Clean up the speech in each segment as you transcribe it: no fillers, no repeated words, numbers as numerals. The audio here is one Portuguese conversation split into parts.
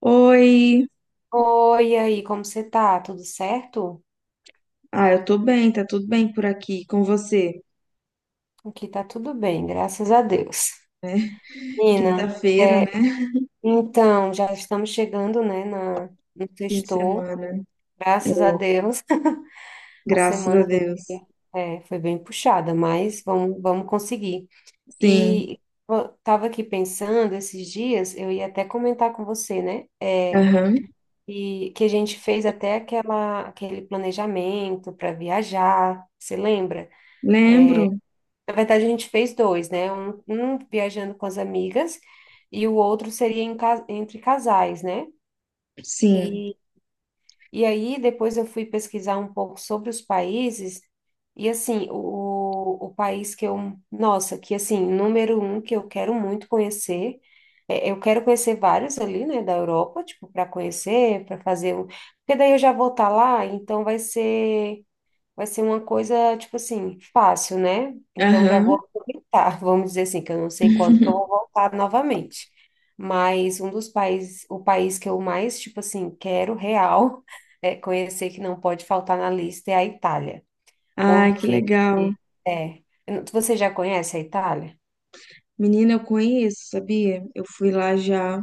Oi, Oi, e aí, como você tá? Tudo certo? Eu tô bem, tá tudo bem por aqui com você? Aqui tá tudo bem, graças a Deus. Nina, Quinta-feira, é, né? então, já estamos chegando, né, no Fim de sextou, semana. É, graças a Deus. A graças a semana Deus. é, foi bem puxada, mas vamos conseguir. Sim, E eu tava aqui pensando esses dias, eu ia até comentar com você, né, é, aham. e que a gente fez até aquele planejamento para viajar, você lembra? Lembro, Na verdade, a gente fez dois, né? Um viajando com as amigas e o outro seria em entre casais, né? sim, E, e aí depois eu fui pesquisar um pouco sobre os países e assim, o país que eu, nossa, que assim, número um que eu quero muito conhecer, é, eu quero conhecer vários ali, né, da Europa, tipo, para conhecer, para fazer o, porque daí eu já vou estar lá, então vai ser uma coisa, tipo assim, fácil, né? Então já vou aham. aproveitar, vamos dizer assim, que eu não sei quando que eu vou voltar novamente. Mas um dos países, o país que eu mais, tipo assim, quero real, é conhecer que não pode faltar na lista é a Itália. Ai, que Porque, legal. é, você já conhece a Itália? Menina, eu conheço, sabia? Eu fui lá já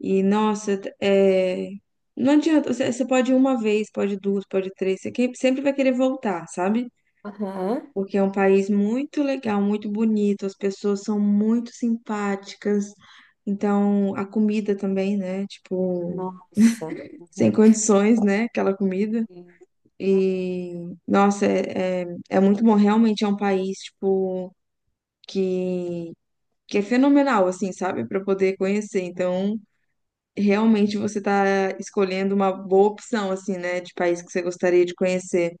e, nossa, é... não adianta, você pode ir uma vez, pode duas, pode três, sempre vai querer voltar, sabe? Aham. Porque é um país muito legal, muito bonito, as pessoas são muito simpáticas. Então, a comida também, né? Tipo, Nossa. sem condições, né? Aquela comida. Uhum. E, nossa, é muito bom. Realmente é um país, tipo, que, que é fenomenal, assim, sabe? Para poder conhecer. Então, realmente você tá escolhendo uma boa opção, assim, né? De país que você gostaria de conhecer.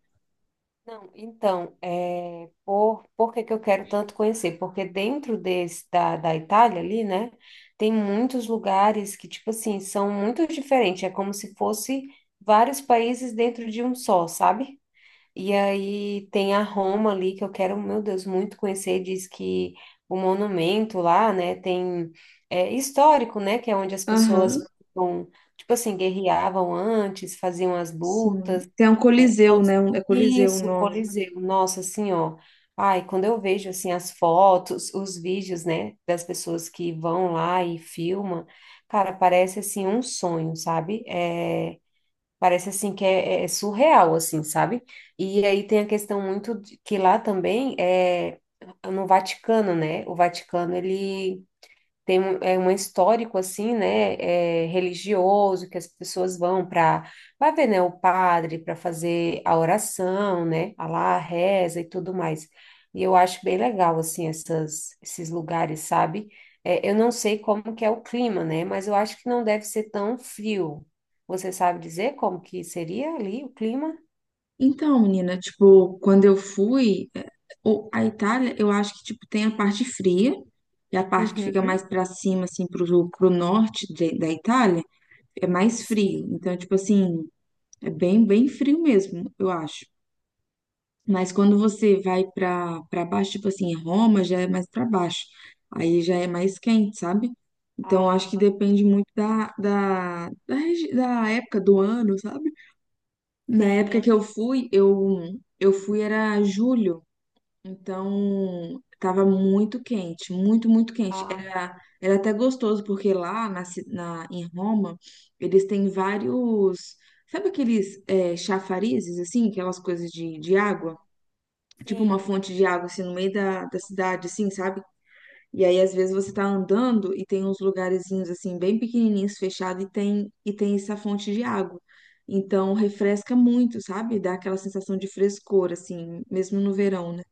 Não, então, é, por que que eu quero tanto conhecer? Porque dentro desse, da Itália ali, né, tem muitos lugares que, tipo assim, são muito diferentes. É como se fosse vários países dentro de um só, sabe? E aí tem a Roma ali, que eu quero, meu Deus, muito conhecer. Diz que o monumento lá, né, tem... É histórico, né, que é onde as pessoas Aham, vão, tipo assim, guerreavam antes, faziam as sim. lutas, Tem um é, Coliseu, nossa, né? É Coliseu o isso, nome. Coliseu, nossa, assim, ó. Ai, quando eu vejo, assim, as fotos, os vídeos, né, das pessoas que vão lá e filmam, cara, parece, assim, um sonho, sabe? É, parece, assim, que é surreal, assim, sabe? E aí tem a questão muito de, que lá também é no Vaticano, né? O Vaticano, ele tem um, é um histórico assim, né, é, religioso que as pessoas vão para, vai ver, né, o padre para fazer a oração, né, a lá a reza e tudo mais. E eu acho bem legal esses lugares, sabe? É, eu não sei como que é o clima, né, mas eu acho que não deve ser tão frio. Você sabe dizer como que seria ali o clima? Então, menina, tipo, quando eu fui, a Itália, eu acho que, tipo, tem a parte fria, e a parte que fica Uhum. mais pra cima, assim, pro norte da Itália, é mais Sim. frio. Então, tipo assim, é bem, bem frio mesmo, eu acho. Mas quando você vai pra baixo, tipo assim, Roma já é mais pra baixo. Aí já é mais quente, sabe? Então, eu Ah, acho que tá. depende muito da época do ano, sabe? Na época Sim. que eu fui, eu fui era julho, então tava muito quente, muito, muito quente. Ah, Era, era até gostoso, porque lá em Roma, eles têm vários. Sabe aqueles chafarizes, assim, aquelas coisas de hum, água? Tipo uma sim. fonte de água, assim, no meio da cidade, assim, sabe? E aí, às vezes, você tá andando e tem uns lugarzinhos assim, bem pequenininhos, fechados, e tem essa fonte de água. Então, Ah, refresca muito, sabe? Dá aquela sensação de frescor, assim, mesmo no verão, né?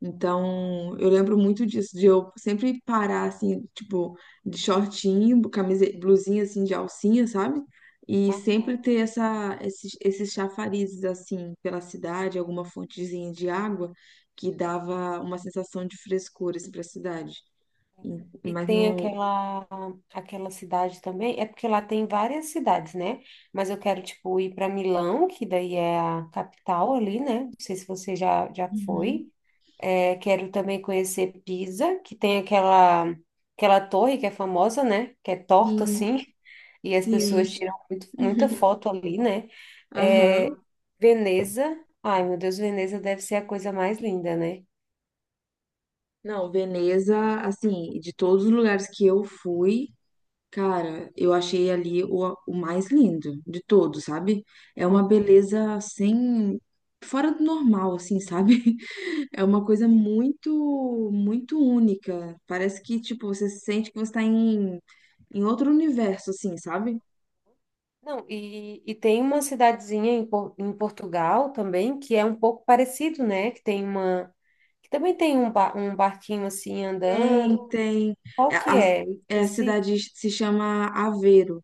Então, eu lembro muito disso, de eu sempre parar, assim, tipo, de shortinho, camisa, blusinha, assim, de alcinha, sabe? E sempre aham. ter esses chafarizes, assim, pela cidade, alguma fontezinha de água que dava uma sensação de frescor, assim, pra cidade. E Mas tem no. aquela, aquela cidade também, é porque lá tem várias cidades, né? Mas eu quero, tipo, ir para Milão, que daí é a capital ali, né? Não sei se você já foi. Uhum. É, quero também conhecer Pisa, que tem aquela, aquela torre que é famosa, né? Que é torta, Sim. assim, e as pessoas Sim. tiram muita foto ali, né? É, Aham. Veneza, ai meu Deus, Veneza deve ser a coisa mais linda, né? Não, Veneza, assim, de todos os lugares que eu fui, cara, eu achei ali o mais lindo de todos, sabe? É uma beleza sem. Fora do normal, assim, sabe? É uma coisa muito, muito única. Parece que, tipo, você sente que você tá em outro universo, assim, sabe? Não, e tem uma cidadezinha em, em Portugal também que é um pouco parecido, né? Que tem uma, que também tem um, um barquinho assim andando. Tem, tem. Qual É, que a, é? é, a Esse, cidade se chama Aveiro.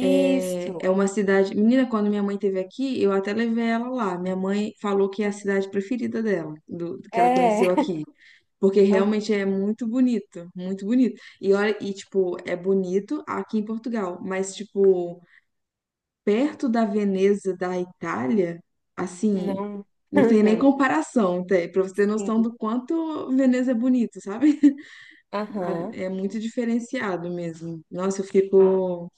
É, é uma cidade. Menina, quando minha mãe teve aqui, eu até levei ela lá. Minha mãe falou que é a cidade preferida dela, do que ela É. conheceu aqui. Porque Ah, realmente é muito bonito, muito bonito. E olha, e tipo, é bonito aqui em Portugal, mas tipo, perto da Veneza da Itália, assim, não. não tem nem comparação, tá? Pra você ter noção Sim. do quanto Veneza é bonito, sabe? É Aham. muito diferenciado mesmo. Nossa, eu Ah, fico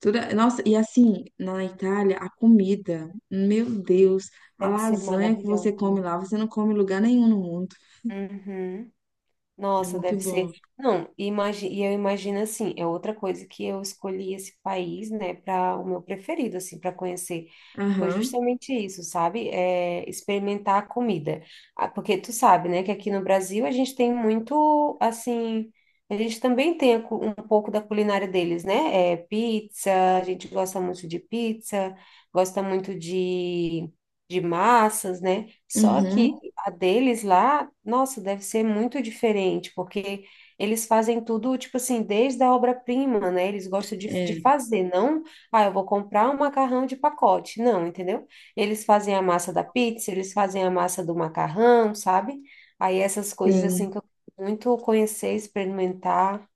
nossa, e assim, na Itália, a comida, meu Deus, a deve ser lasanha que você maravilhoso, come né? lá, você não come em lugar nenhum no mundo. Uhum. É Nossa, muito deve ser. bom. Não, imagi... e eu imagino assim, é outra coisa que eu escolhi esse país, né, para o meu preferido, assim, para conhecer. Foi Aham, justamente isso, sabe? É, experimentar a comida. Ah, porque tu sabe, né, que aqui no Brasil a gente tem muito, assim, a gente também tem a um pouco da culinária deles, né? É, pizza, a gente gosta muito de pizza, gosta muito de massas, né? Só uhum, que a deles lá, nossa, deve ser muito diferente, porque eles fazem tudo, tipo assim, desde a obra-prima, né? Eles gostam de é, fazer, não, ah, eu vou comprar um macarrão de pacote. Não, entendeu? Eles fazem a massa da pizza, eles fazem a massa do macarrão, sabe? Aí essas coisas, assim, sim. que eu quero muito conhecer, experimentar.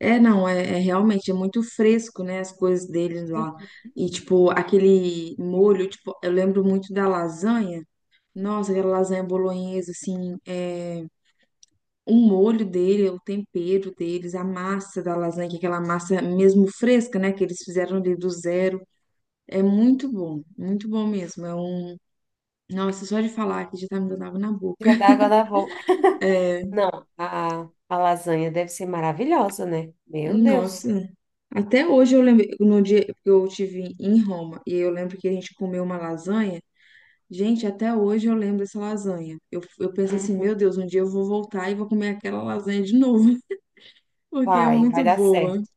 É, não, é realmente, é muito fresco, né, as coisas deles lá. Hum. E, tipo, aquele molho, tipo, eu lembro muito da lasanha. Nossa, aquela lasanha bolonhesa, assim, é, o molho dele, o tempero deles, a massa da lasanha, que é aquela massa mesmo fresca, né, que eles fizeram ali do zero. É muito bom mesmo. É um... nossa, só de falar que já tá me dando água na boca. Já dá água na boca. Não, a lasanha deve ser maravilhosa, né? Meu Deus. Nossa, até hoje eu lembro, no dia que eu tive em Roma, e eu lembro que a gente comeu uma lasanha. Gente, até hoje eu lembro dessa lasanha. Eu penso assim, meu Uhum. Deus, um dia eu vou voltar e vou comer aquela lasanha de novo, porque é Vai muito dar boa. certo.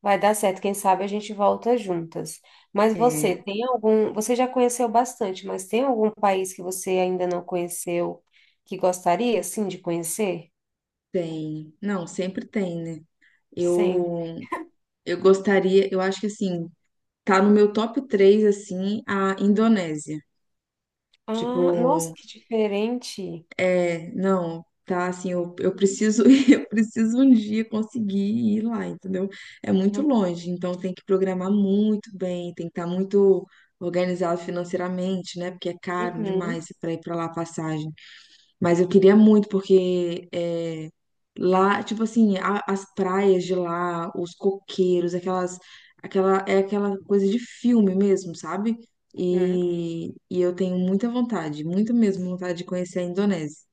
Vai dar certo, quem sabe a gente volta juntas. Mas você É, tem algum, você já conheceu bastante, mas tem algum país que você ainda não conheceu que gostaria sim de conhecer? tem. Não, sempre tem, né? Sim. Eu, eu gostaria, eu acho que assim, tá no meu top 3 assim, a Indonésia. Ah, nossa, Tipo, que diferente. é, não, tá assim, eu preciso, eu preciso um dia conseguir ir lá, entendeu? É muito Hum. longe, então tem que programar muito bem, tem que estar muito organizado financeiramente, né? Porque é caro demais Uhum, para ir para lá a passagem. Mas eu queria muito, porque é, lá, tipo assim, as praias de lá, os coqueiros, aquela, é aquela coisa de filme mesmo, sabe? uhum. E eu tenho muita vontade, muita mesmo vontade de conhecer a Indonésia.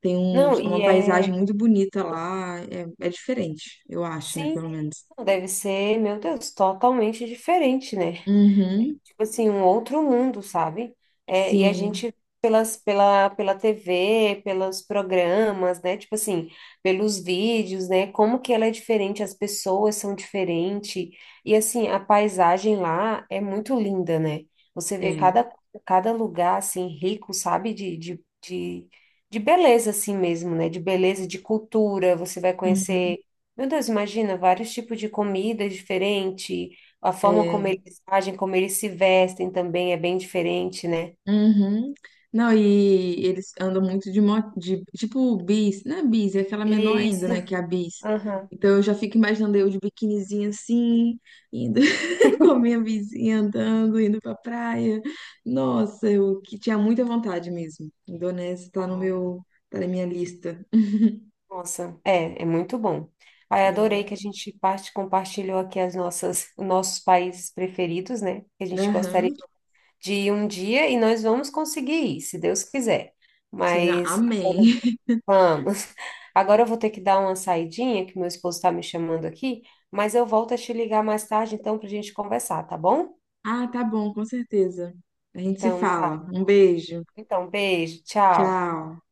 Tem uns, Não, é e uma paisagem é, muito bonita lá. É, é diferente, eu acho, né? sim, Pelo menos. deve ser, meu Deus, totalmente diferente, né? Uhum, Tipo assim, um outro mundo, sabe? É, e a sim, gente, pelas, pela TV, pelos programas, né? Tipo assim, pelos vídeos, né? Como que ela é diferente, as pessoas são diferentes. E assim, a paisagem lá é muito linda, né? Você vê é. cada, cada lugar, assim, rico, sabe? De beleza, assim mesmo, né? De beleza, de cultura. Você vai Uhum, conhecer... Meu Deus, imagina, vários tipos de comida diferentes, a forma como é. eles agem, como eles se vestem também é bem diferente, né? Uhum. Não, e eles andam muito de moto, de, tipo bis, não é bis, é aquela menor ainda, Isso. né, que é a bis. Aham. Então eu já fico imaginando eu de biquinizinha assim, indo com a minha bisinha andando, indo pra praia. Nossa, eu que tinha muita vontade mesmo. Indonésia tá no Ai, meu, tá na minha lista. nossa, é, é muito bom. Ai, adorei É. que a gente parte, compartilhou aqui as nossas, nossos países preferidos, né? Que a gente gostaria Aham. de ir um dia e nós vamos conseguir ir, se Deus quiser. Sina, Mas agora amém. vamos. Agora eu vou ter que dar uma saidinha, que meu esposo está me chamando aqui, mas eu volto a te ligar mais tarde, então, para a gente conversar, tá bom? Ah, tá bom, com certeza. A gente se Então, tá. fala. Um beijo. Então, beijo, tchau. Tchau.